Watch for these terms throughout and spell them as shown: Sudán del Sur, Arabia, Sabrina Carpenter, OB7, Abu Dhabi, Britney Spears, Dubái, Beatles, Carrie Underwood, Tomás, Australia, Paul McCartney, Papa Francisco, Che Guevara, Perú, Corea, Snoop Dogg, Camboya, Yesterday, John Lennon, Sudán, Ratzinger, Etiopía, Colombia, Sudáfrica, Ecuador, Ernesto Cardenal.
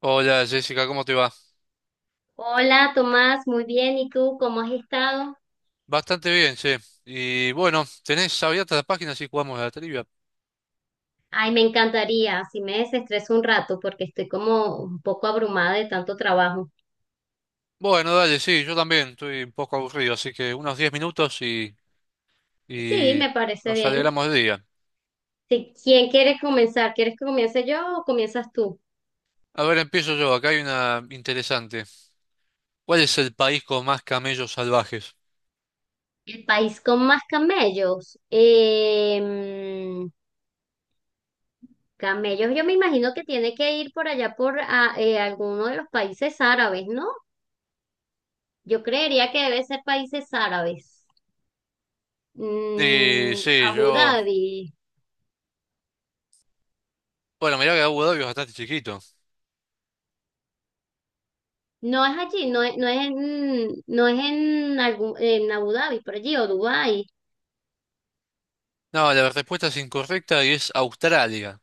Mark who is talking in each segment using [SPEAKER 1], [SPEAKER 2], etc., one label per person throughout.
[SPEAKER 1] Hola Jessica, ¿cómo te va?
[SPEAKER 2] Hola Tomás, muy bien. ¿Y tú cómo has estado?
[SPEAKER 1] Bastante bien, sí. Y bueno, ¿tenés abierta la página si jugamos a la trivia?
[SPEAKER 2] Ay, me encantaría, si me desestreso un rato porque estoy como un poco abrumada de tanto trabajo.
[SPEAKER 1] Bueno, dale, sí, yo también estoy un poco aburrido, así que unos 10 minutos y,
[SPEAKER 2] Sí,
[SPEAKER 1] y
[SPEAKER 2] me parece
[SPEAKER 1] nos
[SPEAKER 2] bien.
[SPEAKER 1] alegramos del día.
[SPEAKER 2] Sí, ¿quién quiere comenzar? ¿Quieres que comience yo o comienzas tú?
[SPEAKER 1] A ver, empiezo yo, acá hay una interesante. ¿Cuál es el país con más camellos salvajes?
[SPEAKER 2] El país con más camellos. Camellos, yo me imagino que tiene que ir por allá por alguno de los países árabes, ¿no? Yo creería que debe ser países árabes.
[SPEAKER 1] Sí,
[SPEAKER 2] Mm,
[SPEAKER 1] sí,
[SPEAKER 2] Abu
[SPEAKER 1] yo...
[SPEAKER 2] Dhabi.
[SPEAKER 1] Bueno, mirá que Abu Dhabi es bastante chiquito.
[SPEAKER 2] No es allí, no es, no es en, algún, en Abu Dhabi, por allí, o Dubái.
[SPEAKER 1] No, la respuesta es incorrecta y es Australia.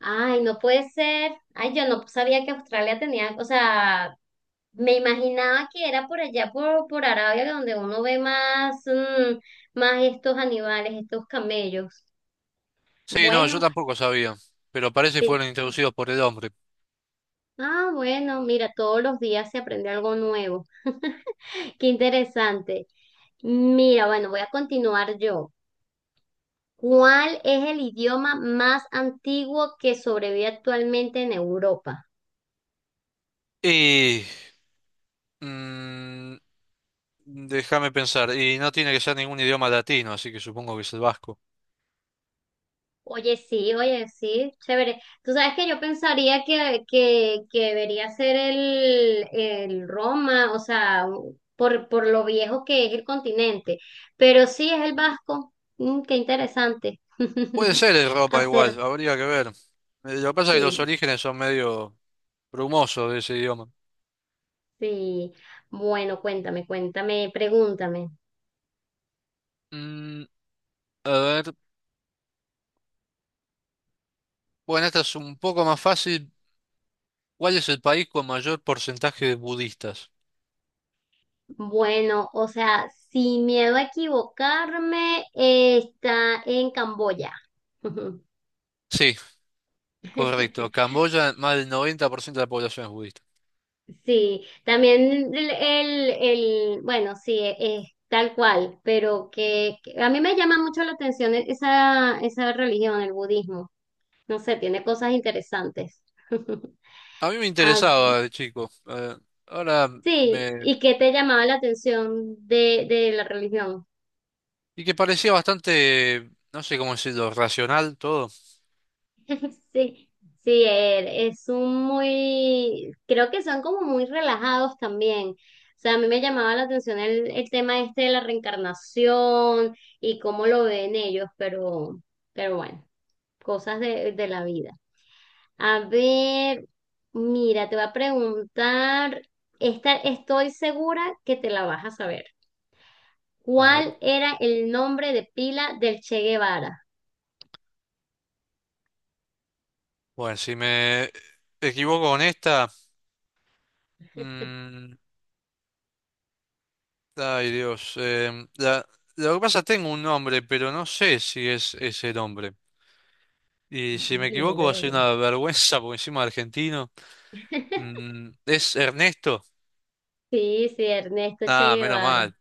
[SPEAKER 2] Ay, no puede ser. Ay, yo no sabía que Australia tenía, o sea, me imaginaba que era por allá, por Arabia, donde uno ve más, más estos animales, estos camellos.
[SPEAKER 1] Sí, no, yo
[SPEAKER 2] Bueno,
[SPEAKER 1] tampoco sabía, pero parece que
[SPEAKER 2] sí.
[SPEAKER 1] fueron introducidos por el hombre.
[SPEAKER 2] Ah, bueno, mira, todos los días se aprende algo nuevo. Qué interesante. Mira, bueno, voy a continuar yo. ¿Cuál es el idioma más antiguo que sobrevive actualmente en Europa?
[SPEAKER 1] Y... mm, Déjame pensar. Y no tiene que ser ningún idioma latino, así que supongo que es el vasco.
[SPEAKER 2] Oye, sí, chévere. Tú sabes que yo pensaría que debería ser el Roma, o sea, por lo viejo que es el continente, pero sí es el vasco. Mm, qué interesante.
[SPEAKER 1] Puede ser el Europa
[SPEAKER 2] Hacer,
[SPEAKER 1] igual, habría que ver. Lo que pasa es que los
[SPEAKER 2] sí,
[SPEAKER 1] orígenes son medio brumosos de ese idioma.
[SPEAKER 2] sí. Bueno, cuéntame, cuéntame, pregúntame.
[SPEAKER 1] Mm, a ver, bueno, esta es un poco más fácil. ¿Cuál es el país con mayor porcentaje de budistas?
[SPEAKER 2] Bueno, o sea, sin miedo a equivocarme, está en Camboya. Ujú.
[SPEAKER 1] Sí, correcto. Camboya, más del 90% de la población es budista.
[SPEAKER 2] Sí, también el, bueno, sí, es tal cual, pero que a mí me llama mucho la atención esa religión, el budismo. No sé, tiene cosas interesantes.
[SPEAKER 1] A mí me
[SPEAKER 2] Ah,
[SPEAKER 1] interesaba de chico. Ahora
[SPEAKER 2] sí,
[SPEAKER 1] me...
[SPEAKER 2] ¿y qué te llamaba la atención de la religión?
[SPEAKER 1] Y que parecía bastante, no sé cómo decirlo, racional todo.
[SPEAKER 2] Sí, sí, es un muy, creo que son como muy relajados también. O sea, a mí me llamaba la atención el tema este de la reencarnación y cómo lo ven ellos, pero bueno, cosas de la vida. A ver, mira, te voy a preguntar, estoy segura que te la vas a saber.
[SPEAKER 1] A ver.
[SPEAKER 2] ¿Cuál era el nombre de pila del Che Guevara?
[SPEAKER 1] Bueno, si me equivoco con esta, mm, ay Dios, lo que pasa, tengo un nombre, pero no sé si es ese nombre. Y si me equivoco
[SPEAKER 2] Dímelo,
[SPEAKER 1] va a ser
[SPEAKER 2] dímelo.
[SPEAKER 1] una vergüenza, porque encima es argentino. ¿Es Ernesto?
[SPEAKER 2] Sí, sí, Ernesto Che
[SPEAKER 1] Ah, menos
[SPEAKER 2] Guevara.
[SPEAKER 1] mal.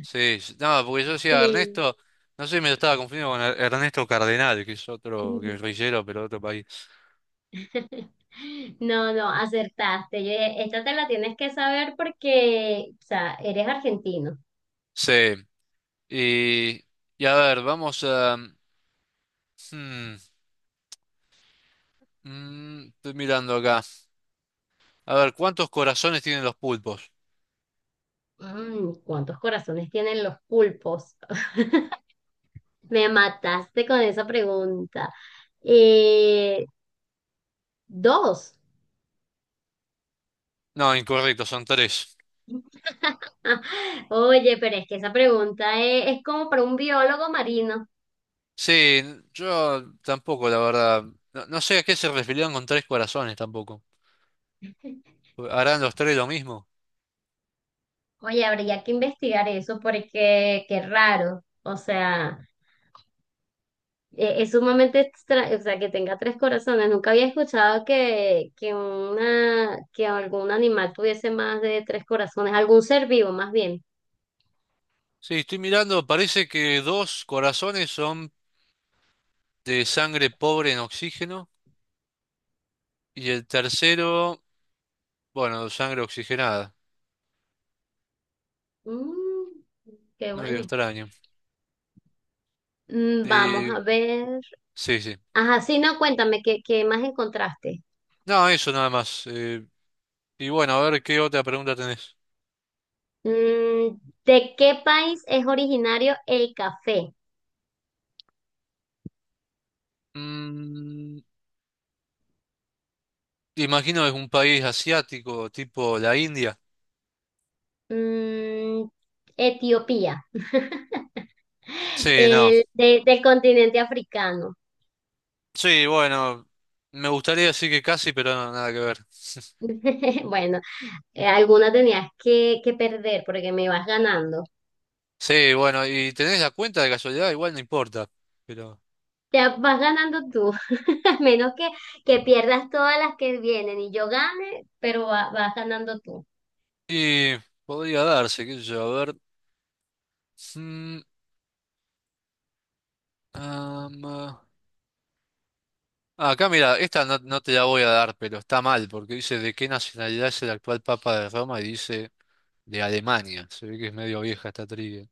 [SPEAKER 1] Sí, no, porque yo decía
[SPEAKER 2] Sí.
[SPEAKER 1] Ernesto, no sé, me lo estaba confundiendo con Ernesto Cardenal, que es otro guerrillero, pero de otro país.
[SPEAKER 2] No, no, acertaste. Yo dije, esta te la tienes que saber porque, o sea, eres argentino.
[SPEAKER 1] Sí, y, y a ver, vamos a... hmm, estoy mirando acá. A ver, ¿cuántos corazones tienen los pulpos?
[SPEAKER 2] ¿Cuántos corazones tienen los pulpos? Me mataste con esa pregunta. Eh, Dos.
[SPEAKER 1] No, incorrecto, son tres.
[SPEAKER 2] Oye, pero es que esa pregunta es como para un biólogo marino.
[SPEAKER 1] Sí, yo tampoco, la verdad. No, no sé a qué se referían con tres corazones tampoco. ¿Harán los tres lo mismo?
[SPEAKER 2] Oye, habría que investigar eso porque qué raro. O sea. Es sumamente extra o sea, que tenga tres corazones. Nunca había escuchado que algún animal tuviese más de tres corazones, algún ser vivo más bien.
[SPEAKER 1] Sí, estoy mirando, parece que dos corazones son de sangre pobre en oxígeno y el tercero, bueno, sangre oxigenada.
[SPEAKER 2] Mm, qué
[SPEAKER 1] Medio
[SPEAKER 2] bueno.
[SPEAKER 1] extraño.
[SPEAKER 2] Vamos
[SPEAKER 1] Y,
[SPEAKER 2] a ver.
[SPEAKER 1] sí, sí.
[SPEAKER 2] Ajá, sí, no, cuéntame, ¿qué más encontraste?
[SPEAKER 1] No, eso nada más. Y bueno, a ver qué otra pregunta tenés.
[SPEAKER 2] Mm, ¿De qué país es originario el café?
[SPEAKER 1] Mm, Imagino que es un país asiático, tipo la India.
[SPEAKER 2] Mm, Etiopía,
[SPEAKER 1] Sí, no.
[SPEAKER 2] el, del continente africano.
[SPEAKER 1] Sí, bueno, me gustaría decir que casi, pero no, nada que ver.
[SPEAKER 2] Bueno. Alguna tenías que perder porque me vas ganando.
[SPEAKER 1] Sí, bueno, y tenés la cuenta de casualidad, igual no importa. Pero.
[SPEAKER 2] Ya vas ganando tú, a menos que pierdas todas las que vienen y yo gane, pero vas ganando tú.
[SPEAKER 1] Y podría darse, qué sé yo, a ver. Mm, ah, acá mira, esta no, no te la voy a dar, pero está mal, porque dice de qué nacionalidad es el actual Papa de Roma y dice de Alemania. Se ve que es medio vieja esta trivia.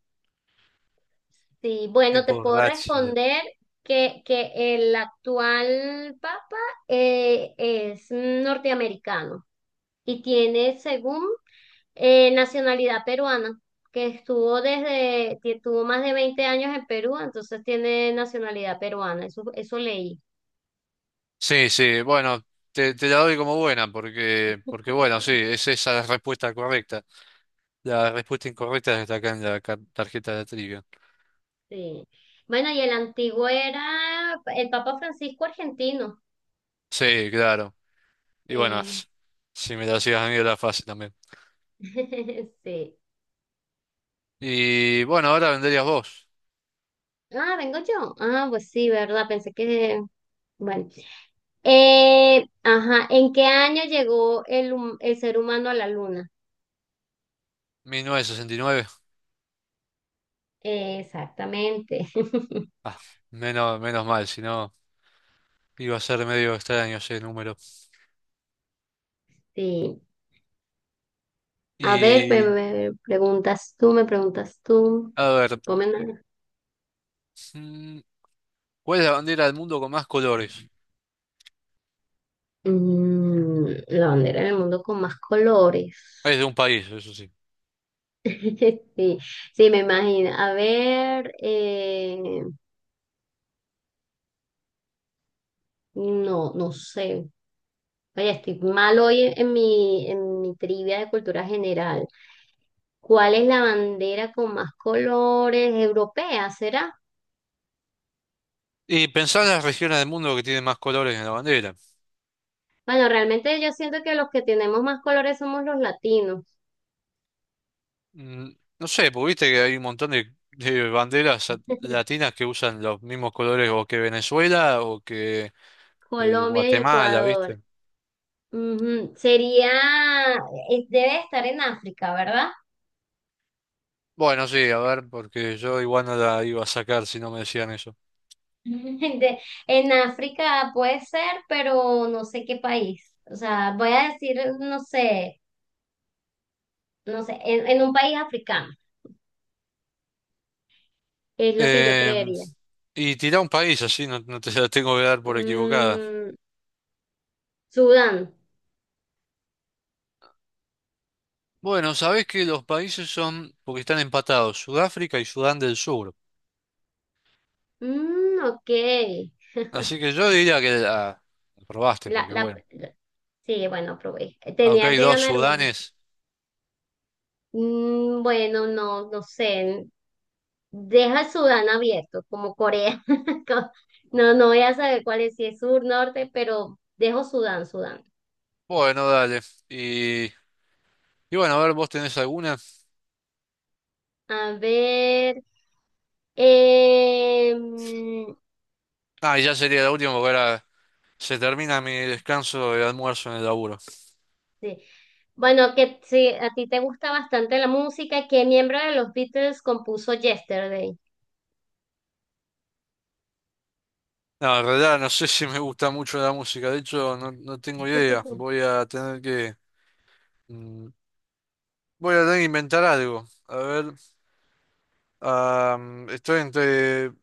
[SPEAKER 2] Sí, bueno, te
[SPEAKER 1] Tipo
[SPEAKER 2] puedo
[SPEAKER 1] Ratzinger.
[SPEAKER 2] responder que el actual papa es norteamericano y tiene, según, nacionalidad peruana, que estuvo desde, que tuvo más de 20 años en Perú, entonces tiene nacionalidad peruana, eso leí.
[SPEAKER 1] Sí, sí, bueno, te la doy como buena porque, bueno, sí, es esa la respuesta correcta. La respuesta incorrecta está acá en la tarjeta de trivia.
[SPEAKER 2] Sí. Bueno, y el antiguo era el Papa Francisco argentino.
[SPEAKER 1] Sí, claro. Y bueno,
[SPEAKER 2] Sí.
[SPEAKER 1] si me la hacías a mí era fácil también.
[SPEAKER 2] Sí.
[SPEAKER 1] Y bueno, ahora venderías vos.
[SPEAKER 2] Ah, vengo yo. Ah, pues sí, ¿verdad? Pensé que. Bueno. Ajá, ¿en qué año llegó el ser humano a la luna?
[SPEAKER 1] 1969.
[SPEAKER 2] Exactamente.
[SPEAKER 1] Ah, menos mal, si no iba a ser medio extraño ese número.
[SPEAKER 2] Sí. A ver,
[SPEAKER 1] Y
[SPEAKER 2] preguntas tú, me preguntas tú.
[SPEAKER 1] a ver,
[SPEAKER 2] Ponme una-
[SPEAKER 1] mm, ¿cuál es la bandera del mundo con más colores?
[SPEAKER 2] La bandera del mundo con más colores.
[SPEAKER 1] Es de un país, eso sí.
[SPEAKER 2] Sí, sí, me imagino. A ver, no, no sé. Oye, estoy mal hoy en mi, en mi trivia de cultura general. ¿Cuál es la bandera con más colores? ¿Europea, será?
[SPEAKER 1] Y pensá en las regiones del mundo que tienen más colores en la bandera.
[SPEAKER 2] Bueno, realmente yo siento que los que tenemos más colores somos los latinos,
[SPEAKER 1] Mm, No sé, porque viste que hay un montón de banderas latinas que usan los mismos colores o que Venezuela o que
[SPEAKER 2] Colombia y
[SPEAKER 1] Guatemala,
[SPEAKER 2] Ecuador.
[SPEAKER 1] ¿viste?
[SPEAKER 2] Ujú. Debe estar en África, ¿verdad?
[SPEAKER 1] Bueno, sí, a ver, porque yo igual no la iba a sacar si no me decían eso.
[SPEAKER 2] De- en África puede ser, pero no sé qué país. O sea, voy a decir, no sé, en un país africano, es lo que yo
[SPEAKER 1] Em,
[SPEAKER 2] creería.
[SPEAKER 1] y tirá un país así, no, no te la tengo que dar por equivocada.
[SPEAKER 2] Mm, Sudán.
[SPEAKER 1] Bueno, sabés que los países son, porque están empatados, Sudáfrica y Sudán del Sur.
[SPEAKER 2] Mm, ok.
[SPEAKER 1] Así que yo diría que la probaste,
[SPEAKER 2] La,
[SPEAKER 1] porque bueno,
[SPEAKER 2] sí, bueno, probé.
[SPEAKER 1] aunque
[SPEAKER 2] Tenía
[SPEAKER 1] hay
[SPEAKER 2] que
[SPEAKER 1] dos
[SPEAKER 2] ganar una.
[SPEAKER 1] Sudanes,
[SPEAKER 2] Bueno, no, no sé. Deja Sudán abierto, como Corea. Co- No, no voy a saber cuál es, si es sur, norte, pero dejo Sudán, Sudán.
[SPEAKER 1] bueno, dale. y Y bueno, a ver, ¿vos tenés alguna?
[SPEAKER 2] A ver. em,
[SPEAKER 1] Ah, y ya sería la última porque ahora se termina mi descanso de almuerzo en el laburo.
[SPEAKER 2] sí. Bueno, que si a ti te gusta bastante la música, ¿qué miembro de los Beatles compuso Yesterday?
[SPEAKER 1] No, en realidad no sé si me gusta mucho la música, de hecho no, no tengo idea. Voy a tener que... mm, voy a tener que inventar algo. A ver, ah, estoy entre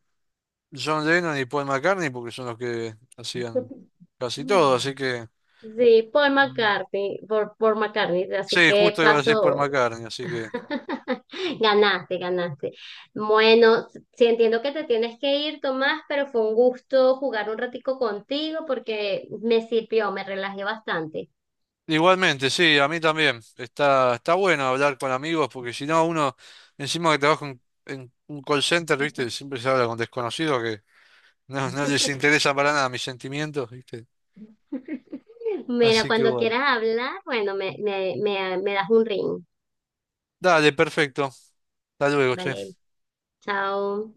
[SPEAKER 1] John Lennon y Paul McCartney porque son los que hacían casi todo, así que...
[SPEAKER 2] Sí, Paul
[SPEAKER 1] Mm.
[SPEAKER 2] McCartney, por McCartney, así
[SPEAKER 1] Sí,
[SPEAKER 2] que
[SPEAKER 1] justo iba a decir Paul
[SPEAKER 2] paso.
[SPEAKER 1] McCartney, así que...
[SPEAKER 2] Ganaste, ganaste. Bueno, sí entiendo que te tienes que ir, Tomás, pero fue un gusto jugar un ratico contigo porque me sirvió, me relajé bastante.
[SPEAKER 1] Igualmente, sí, a mí también. Está bueno hablar con amigos porque si no, uno, encima que trabaja en un call center, ¿viste? Siempre se habla con desconocidos que no, no les interesa para nada mis sentimientos, ¿viste?
[SPEAKER 2] Mira,
[SPEAKER 1] Así que
[SPEAKER 2] cuando
[SPEAKER 1] bueno.
[SPEAKER 2] quieras hablar, bueno, me das un ring,
[SPEAKER 1] Dale, perfecto. Hasta luego,
[SPEAKER 2] ¿vale?
[SPEAKER 1] che.
[SPEAKER 2] Chao.